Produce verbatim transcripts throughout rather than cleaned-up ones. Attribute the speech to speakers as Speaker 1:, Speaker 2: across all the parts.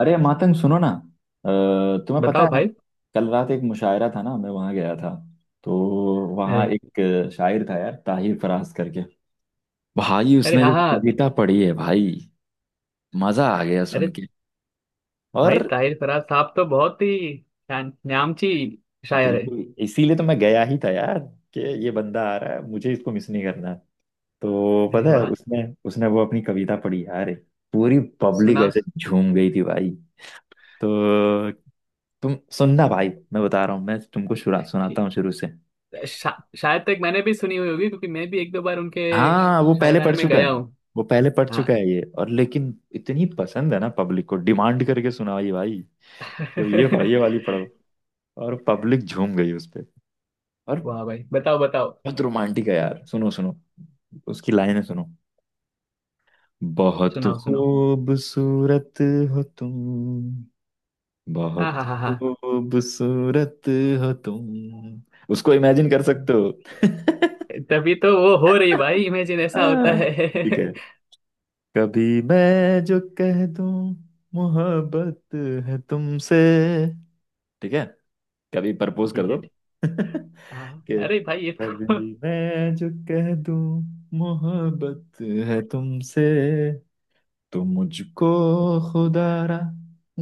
Speaker 1: अरे मातंग, सुनो ना। अ, तुम्हें पता
Speaker 2: बताओ
Speaker 1: है, मैं
Speaker 2: भाई।
Speaker 1: कल रात एक मुशायरा था ना, मैं वहां गया था। तो
Speaker 2: अरे।
Speaker 1: वहां एक शायर था यार, ताहिर फराज करके। भाई,
Speaker 2: अरे
Speaker 1: उसने
Speaker 2: हाँ
Speaker 1: जो
Speaker 2: हाँ।
Speaker 1: कविता पढ़ी है भाई, मजा आ गया सुन
Speaker 2: अरे
Speaker 1: के। और
Speaker 2: भाई ताहिर फराज साहब तो बहुत ही ना- नामची शायर है।
Speaker 1: बिल्कुल इसीलिए तो मैं गया ही था यार, कि ये बंदा आ रहा है, मुझे इसको मिस नहीं करना। तो
Speaker 2: अरे
Speaker 1: पता है,
Speaker 2: वाह।
Speaker 1: उसने उसने वो अपनी कविता पढ़ी यार। पूरी पब्लिक
Speaker 2: सुना
Speaker 1: ऐसे
Speaker 2: उस-
Speaker 1: झूम गई थी भाई। तो तुम सुनना भाई, मैं बता रहा हूँ, मैं तुमको शुरा- सुनाता हूँ
Speaker 2: ठीक।
Speaker 1: शुरू से।
Speaker 2: शा, शायद तक मैंने भी सुनी हुई होगी क्योंकि मैं भी एक दो बार उनके
Speaker 1: हाँ, वो पहले पढ़ है
Speaker 2: शायराना
Speaker 1: ना
Speaker 2: में
Speaker 1: चुका है।
Speaker 2: गया हूँ।
Speaker 1: वो पहले पढ़ चुका
Speaker 2: हाँ।
Speaker 1: है ये, और लेकिन इतनी पसंद है ना, पब्लिक को डिमांड करके सुनाई भाई। तो ये पढ़, ये वाली पढ़ो। और पब्लिक झूम गई उस पे। और
Speaker 2: वाह भाई बताओ बताओ।
Speaker 1: बहुत रोमांटिक है यार, सुनो सुनो, उसकी लाइनें सुनो। बहुत
Speaker 2: सुनाओ सुनाओ।
Speaker 1: खूबसूरत हो तुम,
Speaker 2: हाँ
Speaker 1: बहुत
Speaker 2: हाँ हाँ हाँ।
Speaker 1: खूबसूरत हो तुम। उसको इमेजिन कर सकते हो।
Speaker 2: तभी तो वो हो रही भाई, इमेजिन ऐसा होता
Speaker 1: हाँ,
Speaker 2: है।
Speaker 1: ठीक है।
Speaker 2: ठीक
Speaker 1: कभी मैं जो कह दूं मोहब्बत है तुमसे, ठीक है, कभी
Speaker 2: है।
Speaker 1: प्रपोज कर दो
Speaker 2: ठीक- हाँ
Speaker 1: कि
Speaker 2: अरे भाई ये तो।
Speaker 1: कभी मैं जो कह दूं मोहब्बत है तुमसे, तो मुझको खुदारा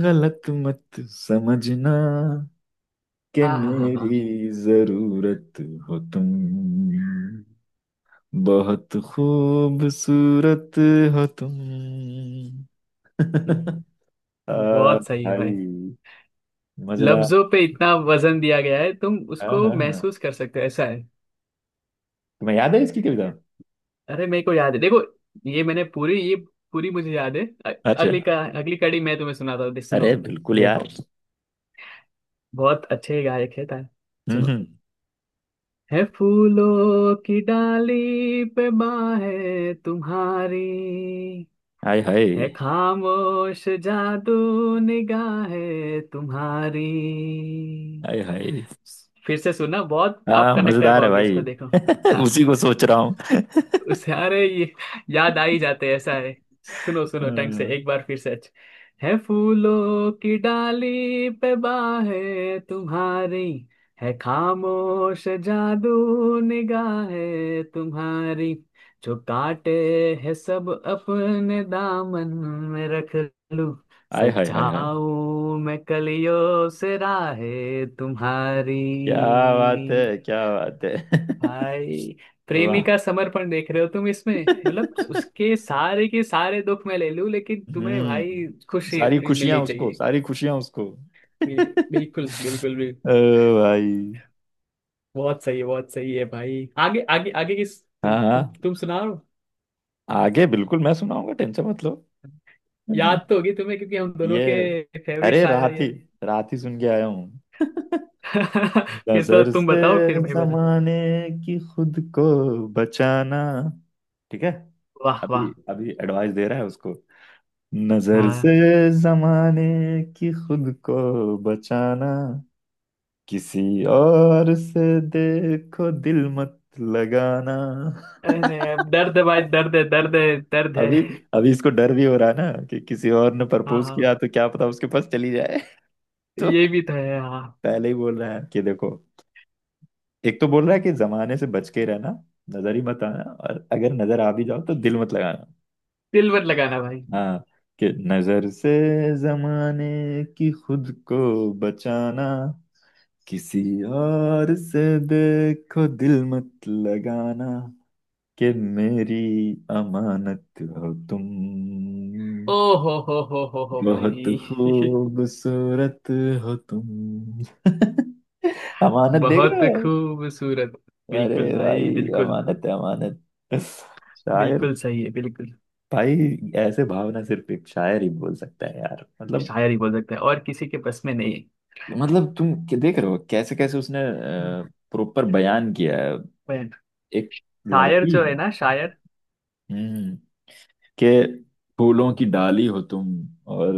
Speaker 1: गलत मत समझना कि
Speaker 2: हाँ हाँ हाँ
Speaker 1: मेरी
Speaker 2: हाँ।
Speaker 1: जरूरत हो तुम, बहुत खूबसूरत हो तुम।
Speaker 2: हम्म,
Speaker 1: आ,
Speaker 2: बहुत सही है भाई।
Speaker 1: भाई मजेदार।
Speaker 2: लफ्जों पे इतना वजन दिया गया है, तुम
Speaker 1: हाँ
Speaker 2: उसको
Speaker 1: हाँ हाँ।
Speaker 2: महसूस कर सकते हो, ऐसा है।
Speaker 1: तुम्हें याद है इसकी कविता?
Speaker 2: अरे मेरे को याद है, देखो। ये मैंने पूरी ये पूरी मुझे याद है। अ-
Speaker 1: अच्छा।
Speaker 2: अगली का अगली कड़ी मैं तुम्हें सुनाता हूँ। दे- सुनो।
Speaker 1: अरे बिल्कुल यार।
Speaker 2: देखो, बहुत अच्छे गायक है तार।
Speaker 1: हम्म
Speaker 2: सुनो।
Speaker 1: हम्म।
Speaker 2: है फूलों की डाली पे बाहें तुम्हारी।
Speaker 1: हाय हाय
Speaker 2: है खामोश जादू निगाहें तुम्हारी।
Speaker 1: हाय हाय।
Speaker 2: फिर से सुनना, बहुत आप
Speaker 1: हाँ,
Speaker 2: कनेक्ट कर
Speaker 1: मजेदार है
Speaker 2: पाओगे
Speaker 1: भाई।
Speaker 2: इसको, देखो। हाँ,
Speaker 1: उसी को सोच रहा हूँ।
Speaker 2: सारे ये याद आ ही जाते हैं, ऐसा है। सुनो सुनो ढंग से
Speaker 1: हाँ,
Speaker 2: एक बार फिर से अच्छा। है फूलों की डाली पे बाहें तुम्हारी। है खामोश जादू निगाहें तुम्हारी। जो काटे है सब अपने दामन में रख लूं,
Speaker 1: हाय हाय हाय हाय।
Speaker 2: सजाऊं मैं कलियों से राहें तुम्हारी।
Speaker 1: क्या बात है, क्या बात है।
Speaker 2: भाई,
Speaker 1: वाह।
Speaker 2: प्रेमी का समर्पण देख रहे हो तुम इसमें। मतलब उसके सारे के सारे दुख मैं ले लूं, लेकिन तुम्हें भाई
Speaker 1: हम्म
Speaker 2: खुशी
Speaker 1: सारी
Speaker 2: मिलनी
Speaker 1: खुशियां उसको,
Speaker 2: चाहिए।
Speaker 1: सारी खुशियां उसको, ओ
Speaker 2: बिल- बिल्कुल बिल्कुल भी।
Speaker 1: भाई।
Speaker 2: बहुत सही है, बहुत सही है भाई। आगे आगे आगे की तुम
Speaker 1: हाँ हाँ,
Speaker 2: तुम तुम सुनाओ।
Speaker 1: आगे बिल्कुल मैं सुनाऊंगा, टेंशन मत लो। हम्म।
Speaker 2: याद तो होगी तुम्हें क्योंकि हम दोनों
Speaker 1: ये
Speaker 2: के फेवरेट
Speaker 1: अरे
Speaker 2: शायर है
Speaker 1: रात ही
Speaker 2: ये।
Speaker 1: रात ही सुन के आया हूँ।
Speaker 2: फिर तो
Speaker 1: नजर
Speaker 2: तुम
Speaker 1: से
Speaker 2: बताओ, फिर मैं बताऊं।
Speaker 1: जमाने की खुद को बचाना। ठीक है।
Speaker 2: वाह वाह।
Speaker 1: अभी अभी एडवाइस दे रहा है उसको। नजर
Speaker 2: हाँ।
Speaker 1: से जमाने की खुद को बचाना, किसी और से देखो दिल मत लगाना।
Speaker 2: अरे दर्द है भाई, दर्द है, दर्द है, दर्द है।
Speaker 1: अभी अभी इसको डर भी हो रहा है ना, कि किसी और ने
Speaker 2: हाँ
Speaker 1: प्रपोज
Speaker 2: हाँ।
Speaker 1: किया तो क्या पता उसके पास चली जाए। तो
Speaker 2: ये भी तो है, हाँ।
Speaker 1: पहले ही बोल रहा है कि देखो, एक तो बोल रहा है कि जमाने से बच के रहना, नजर ही मत आना, और अगर नजर आ भी जाओ तो दिल मत लगाना।
Speaker 2: दिल मत लगाना भाई।
Speaker 1: हाँ, कि नजर से जमाने की खुद को बचाना, किसी और से देखो दिल मत लगाना, कि मेरी अमानत हो तुम,
Speaker 2: ओ हो हो हो हो हो
Speaker 1: बहुत
Speaker 2: भाई।
Speaker 1: खूबसूरत हो तुम। अमानत देख
Speaker 2: बहुत
Speaker 1: रहे हो।
Speaker 2: खूबसूरत।
Speaker 1: अरे
Speaker 2: बिल्कुल भाई
Speaker 1: भाई,
Speaker 2: बिल्कुल।
Speaker 1: अमानत है अमानत, शायर
Speaker 2: बिल्कुल सही है, बिल्कुल।
Speaker 1: भाई। ऐसे भावना सिर्फ एक शायर ही बोल सकता है यार, मतलब।
Speaker 2: शायर ही बोल सकते हैं, और किसी के बस में नहीं है।
Speaker 1: मतलब तुम क्या देख रहे हो, कैसे कैसे उसने
Speaker 2: हम्म,
Speaker 1: प्रॉपर बयान किया है।
Speaker 2: पर
Speaker 1: एक
Speaker 2: शायर
Speaker 1: लड़की,
Speaker 2: जो है ना, शायर।
Speaker 1: हम्म के फूलों की डाली हो तुम, और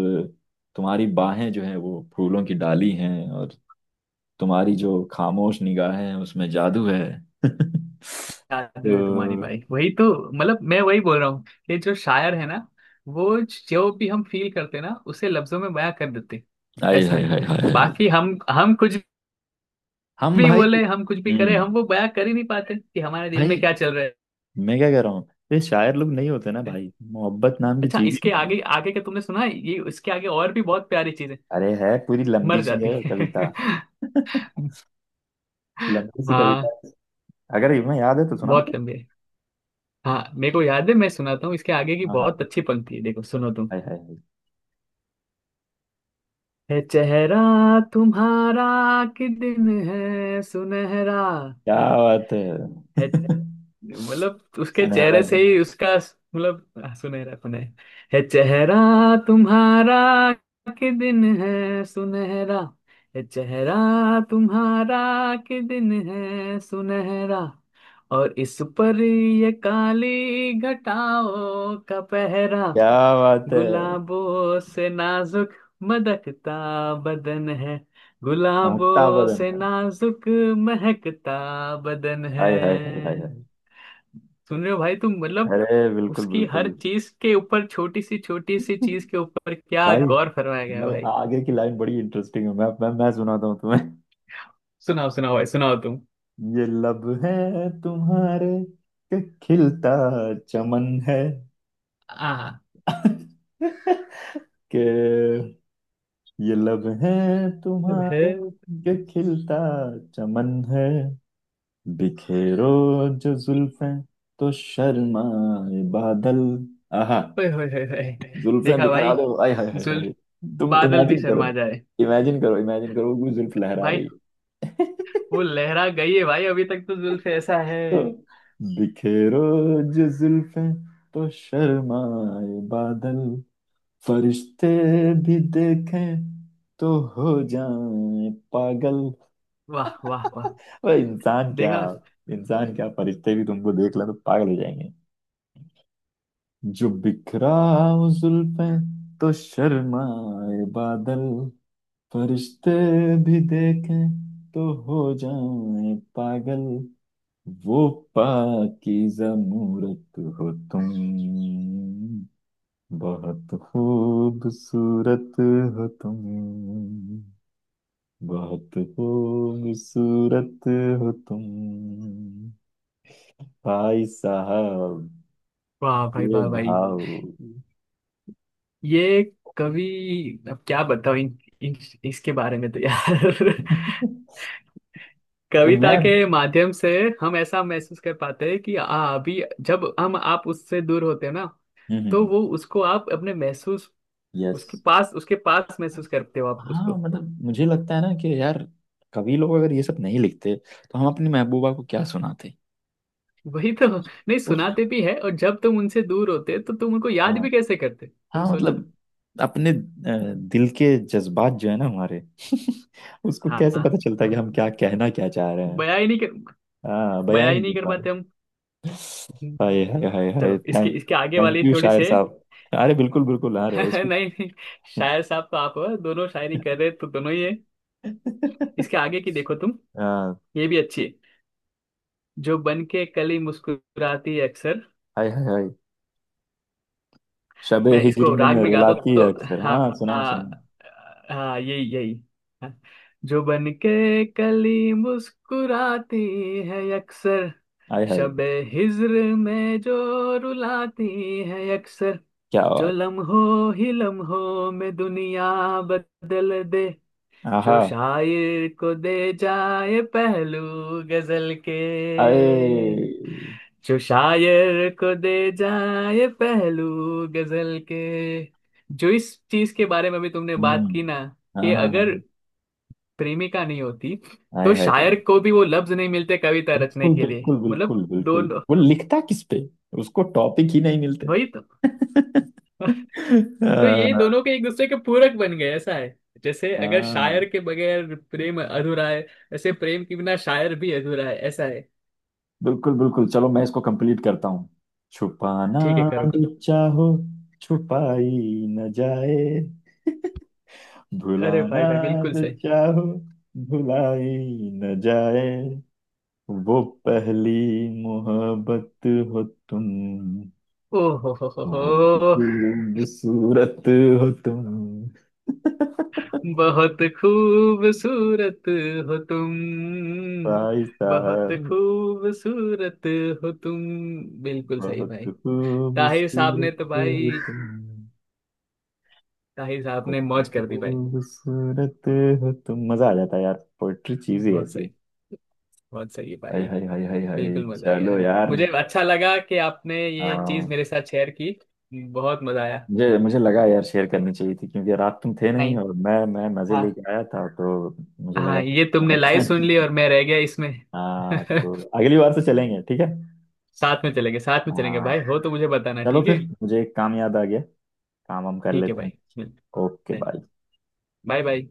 Speaker 1: तुम्हारी बाहें जो है वो फूलों की डाली हैं, और तुम्हारी जो खामोश निगाहें हैं उसमें जादू है। तो
Speaker 2: जादू है तुम्हारी भाई, वही तो। मतलब मैं वही बोल रहा हूँ कि जो शायर है ना, वो जो भी हम फील करते हैं ना, उसे लफ्जों में बयां कर देते हैं।
Speaker 1: हाय
Speaker 2: ऐसा
Speaker 1: हाय
Speaker 2: है।
Speaker 1: हाय हाय हाय।
Speaker 2: बाकी हम हम कुछ
Speaker 1: हम
Speaker 2: भी
Speaker 1: भाई।
Speaker 2: बोले, हम कुछ भी करें,
Speaker 1: हम्म
Speaker 2: हम वो बयां कर ही नहीं पाते कि हमारे दिल में
Speaker 1: भाई,
Speaker 2: क्या चल रहा
Speaker 1: मैं क्या कह रहा हूँ, ये शायर लोग नहीं होते ना
Speaker 2: है।
Speaker 1: भाई, मोहब्बत नाम की
Speaker 2: अच्छा,
Speaker 1: चीज ही
Speaker 2: इसके
Speaker 1: नहीं है।
Speaker 2: आगे आगे का तुमने सुना है? ये इसके आगे और भी बहुत प्यारी चीजें
Speaker 1: अरे है, पूरी
Speaker 2: मर
Speaker 1: लंबी सी
Speaker 2: जाती
Speaker 1: है
Speaker 2: है।
Speaker 1: कविता, लंबी सी कविता
Speaker 2: हाँ,
Speaker 1: है। अगर तुम्हें याद है तो सुनाओ फिर।
Speaker 2: बहुत लंबी है। हाँ, मेरे को याद है, मैं सुनाता हूँ। इसके आगे की
Speaker 1: हाँ हाँ।
Speaker 2: बहुत अच्छी पंक्ति है, देखो सुनो तुम।
Speaker 1: हाय हाय हाय।
Speaker 2: है चेहरा तुम्हारा कि दिन है सुनहरा
Speaker 1: क्या बात है।
Speaker 2: है। मतलब उसके
Speaker 1: सुनहरा
Speaker 2: चेहरे से
Speaker 1: दिन
Speaker 2: ही
Speaker 1: है,
Speaker 2: उसका मतलब सुनहरा, सुनहरा है। है चेहरा तुम्हारा कि दिन है सुनहरा। है चेहरा तुम्हारा कि दिन है सुनहरा, और इस पर ये काली घटाओं का पहरा।
Speaker 1: क्या बात है।
Speaker 2: गुलाबों से नाजुक मदकता बदन है।
Speaker 1: महकता
Speaker 2: गुलाबों
Speaker 1: बदन
Speaker 2: से
Speaker 1: है।
Speaker 2: नाजुक महकता बदन है।
Speaker 1: हाय हाय हाय हाय हाय।
Speaker 2: सुन रहे हो भाई तुम, मतलब
Speaker 1: अरे बिल्कुल
Speaker 2: उसकी हर
Speaker 1: बिल्कुल।
Speaker 2: चीज के ऊपर, छोटी सी छोटी सी चीज के ऊपर क्या
Speaker 1: भाई
Speaker 2: गौर फरमाया गया है
Speaker 1: भाई,
Speaker 2: भाई।
Speaker 1: आगे की लाइन बड़ी इंटरेस्टिंग है, मैं मैं मैं सुनाता हूँ तुम्हें।
Speaker 2: सुनाओ सुनाओ भाई, सुनाओ तुम।
Speaker 1: ये लब है तुम्हारे के खिलता चमन है।
Speaker 2: आ
Speaker 1: के ये लब है
Speaker 2: जब है।
Speaker 1: तुम्हारे के खिलता चमन है। बिखेरो जो जुल्फें तो शर्माए बादल। आहा।
Speaker 2: ओए होए होए होए।
Speaker 1: जुल्फें
Speaker 2: देखा
Speaker 1: बिखरा
Speaker 2: भाई,
Speaker 1: दो, आय हाय हाय हाय।
Speaker 2: जुल्फ,
Speaker 1: तुम
Speaker 2: बादल भी
Speaker 1: इमेजिन
Speaker 2: शर्मा
Speaker 1: करो,
Speaker 2: जाए
Speaker 1: इमेजिन करो, इमेजिन करो, कोई जुल्फ लहरा
Speaker 2: भाई।
Speaker 1: रही है।
Speaker 2: वो लहरा गई है भाई, अभी तक तो जुल्फ, ऐसा है।
Speaker 1: बिखेरो जो जुल्फें तो शर्माए बादल, फरिश्ते भी देखें तो हो जाएं पागल।
Speaker 2: वाह वाह वाह।
Speaker 1: ओए, इंसान क्या,
Speaker 2: देखा।
Speaker 1: इंसान क्या, फरिश्ते भी तुमको देख लें तो पागल हो जाएंगे। जो बिखरा हो जुल्फें तो शर्माए बादल, फरिश्ते भी देखें तो हो जाएं पागल, वो पाकीज़ा मूरत हो तुम, बहुत खूबसूरत हो तुम, बहुत खूबसूरत हो तुम। भाई साहब,
Speaker 2: वाह भाई,
Speaker 1: ये
Speaker 2: वाह भाई।
Speaker 1: भाव।
Speaker 2: ये कवि, अब क्या बताऊं इन, इन, इसके बारे में, तो यार।
Speaker 1: ए
Speaker 2: कविता
Speaker 1: मैम।
Speaker 2: के माध्यम से हम ऐसा महसूस कर पाते हैं कि आ, अभी जब हम आप उससे दूर होते हैं ना, तो
Speaker 1: हम्म।
Speaker 2: वो उसको आप अपने महसूस,
Speaker 1: यस।
Speaker 2: उसके पास, उसके पास महसूस करते हो आप
Speaker 1: हाँ,
Speaker 2: उसको।
Speaker 1: मतलब मुझे लगता है ना कि यार, कवि लोग अगर ये सब नहीं लिखते तो हम अपनी महबूबा को क्या सुनाते।
Speaker 2: वही तो, नहीं
Speaker 1: उस,
Speaker 2: सुनाते भी है, और जब तुम उनसे दूर होते तो तुम उनको याद
Speaker 1: हाँ,
Speaker 2: भी कैसे करते, तुम
Speaker 1: हाँ
Speaker 2: सोचो।
Speaker 1: मतलब अपने अ, दिल के जज्बात जो है ना हमारे, उसको कैसे
Speaker 2: हाँ,
Speaker 1: पता चलता है कि हम क्या कहना क्या चाह रहे हैं।
Speaker 2: बयां ही नहीं कर,
Speaker 1: हाँ, बयां ही
Speaker 2: बयां ही
Speaker 1: नहीं
Speaker 2: नहीं
Speaker 1: कर
Speaker 2: कर
Speaker 1: पा रहे।
Speaker 2: पाते हम। हम्म,
Speaker 1: हाय हाय हाय हाय।
Speaker 2: चलो इसके
Speaker 1: थैंक
Speaker 2: इसके आगे
Speaker 1: थैंक
Speaker 2: वाली
Speaker 1: यू
Speaker 2: थोड़ी
Speaker 1: शायर
Speaker 2: से।
Speaker 1: साहब। अरे बिल्कुल बिल्कुल आ रहे हैं
Speaker 2: नहीं
Speaker 1: इसको।
Speaker 2: नहीं, शायर साहब तो आप हो, दोनों शायरी कर रहे तो दोनों ही है। इसके आगे की देखो तुम,
Speaker 1: हाँ।
Speaker 2: ये भी अच्छी है। जो बन के कली मुस्कुराती है अक्सर।
Speaker 1: हाय हाय हाय, शबे
Speaker 2: मैं
Speaker 1: हिजर
Speaker 2: इसको राग
Speaker 1: में
Speaker 2: में गाता हूं,
Speaker 1: रुलाती है
Speaker 2: तो
Speaker 1: अक्सर। हाँ,
Speaker 2: हाँ
Speaker 1: सुनाओ सुनाओ।
Speaker 2: हाँ, हाँ यही यही। हाँ। जो बन के कली मुस्कुराती है अक्सर।
Speaker 1: हाय हाय,
Speaker 2: शबे हिज्र में जो रुलाती है अक्सर।
Speaker 1: क्या
Speaker 2: जो
Speaker 1: बात।
Speaker 2: लम्हों ही लम्हों में दुनिया बदल दे।
Speaker 1: आहा।
Speaker 2: जो शायर को दे जाए पहलू गजल के।
Speaker 1: आए।
Speaker 2: जो शायर को दे जाए पहलू गजल के। जो इस चीज के बारे में भी तुमने बात
Speaker 1: हम्म।
Speaker 2: की ना
Speaker 1: हाँ
Speaker 2: कि
Speaker 1: हाँ हाँ
Speaker 2: अगर
Speaker 1: हाँ।
Speaker 2: प्रेमिका नहीं होती तो
Speaker 1: हाय हाय हाय।
Speaker 2: शायर को भी वो लफ्ज नहीं मिलते कविता रचने
Speaker 1: बिल्कुल
Speaker 2: के लिए,
Speaker 1: बिल्कुल
Speaker 2: मतलब
Speaker 1: बिल्कुल बिल्कुल,
Speaker 2: दोनों,
Speaker 1: वो लिखता किस पे, उसको टॉपिक ही नहीं मिलते।
Speaker 2: वही तो। तो ये
Speaker 1: हाँ,
Speaker 2: दोनों के एक दूसरे के पूरक बन गए, ऐसा है। जैसे अगर
Speaker 1: हाँ,
Speaker 2: शायर के बगैर प्रेम अधूरा है, वैसे प्रेम के बिना शायर भी अधूरा है, ऐसा है।
Speaker 1: बिल्कुल बिल्कुल, चलो मैं इसको कंप्लीट करता हूँ। छुपाना
Speaker 2: ठीक है, करो करो।
Speaker 1: जो चाहो छुपाई न जाए,
Speaker 2: अरे
Speaker 1: भुलाना
Speaker 2: भाई भाई, बिल्कुल
Speaker 1: जो
Speaker 2: सही।
Speaker 1: चाहो भुलाई न जाए, वो पहली मोहब्बत हो तुम,
Speaker 2: ओ हो हो हो हो
Speaker 1: बहुत खूबसूरत हो तुम,
Speaker 2: बहुत खूबसूरत हो तुम,
Speaker 1: भाई
Speaker 2: बहुत
Speaker 1: साहब,
Speaker 2: खूबसूरत हो तुम। बिल्कुल सही
Speaker 1: बहुत
Speaker 2: भाई। ताहिर साहब ने
Speaker 1: खूबसूरत
Speaker 2: तो
Speaker 1: हो
Speaker 2: भाई,
Speaker 1: तुम,
Speaker 2: ताहिर साहब ने मौज
Speaker 1: बहुत
Speaker 2: कर दी भाई।
Speaker 1: खूबसूरत हो तुम। मजा आ जाता है यार, पोइट्री चीज ही
Speaker 2: बहुत
Speaker 1: ऐसी है।
Speaker 2: सही, बहुत सही है
Speaker 1: हाय
Speaker 2: भाई।
Speaker 1: हाय हाय हाय हाय।
Speaker 2: बिल्कुल मजा आ
Speaker 1: चलो
Speaker 2: गया,
Speaker 1: यार।
Speaker 2: मुझे अच्छा लगा कि आपने ये चीज
Speaker 1: हाँ,
Speaker 2: मेरे साथ शेयर की। बहुत मजा आया।
Speaker 1: मुझे मुझे लगा यार, शेयर करनी चाहिए थी क्योंकि रात तुम थे नहीं
Speaker 2: नहीं,
Speaker 1: और मैं मैं मजे
Speaker 2: हाँ
Speaker 1: लेके आया था, तो मुझे लगा
Speaker 2: हाँ,
Speaker 1: कि
Speaker 2: ये
Speaker 1: तुम्हें
Speaker 2: तुमने
Speaker 1: पता
Speaker 2: लाइव सुन
Speaker 1: नहीं।
Speaker 2: ली और मैं रह गया इसमें।
Speaker 1: हाँ, तो अगली बार से चलेंगे, ठीक है।
Speaker 2: साथ में चलेंगे, साथ में चलेंगे
Speaker 1: हाँ।
Speaker 2: भाई, हो तो मुझे बताना,
Speaker 1: चलो
Speaker 2: ठीक है।
Speaker 1: फिर, मुझे एक काम याद आ गया, काम हम कर
Speaker 2: ठीक है
Speaker 1: लेते हैं।
Speaker 2: भाई।
Speaker 1: Okay,
Speaker 2: done.
Speaker 1: Bye.
Speaker 2: Bye bye.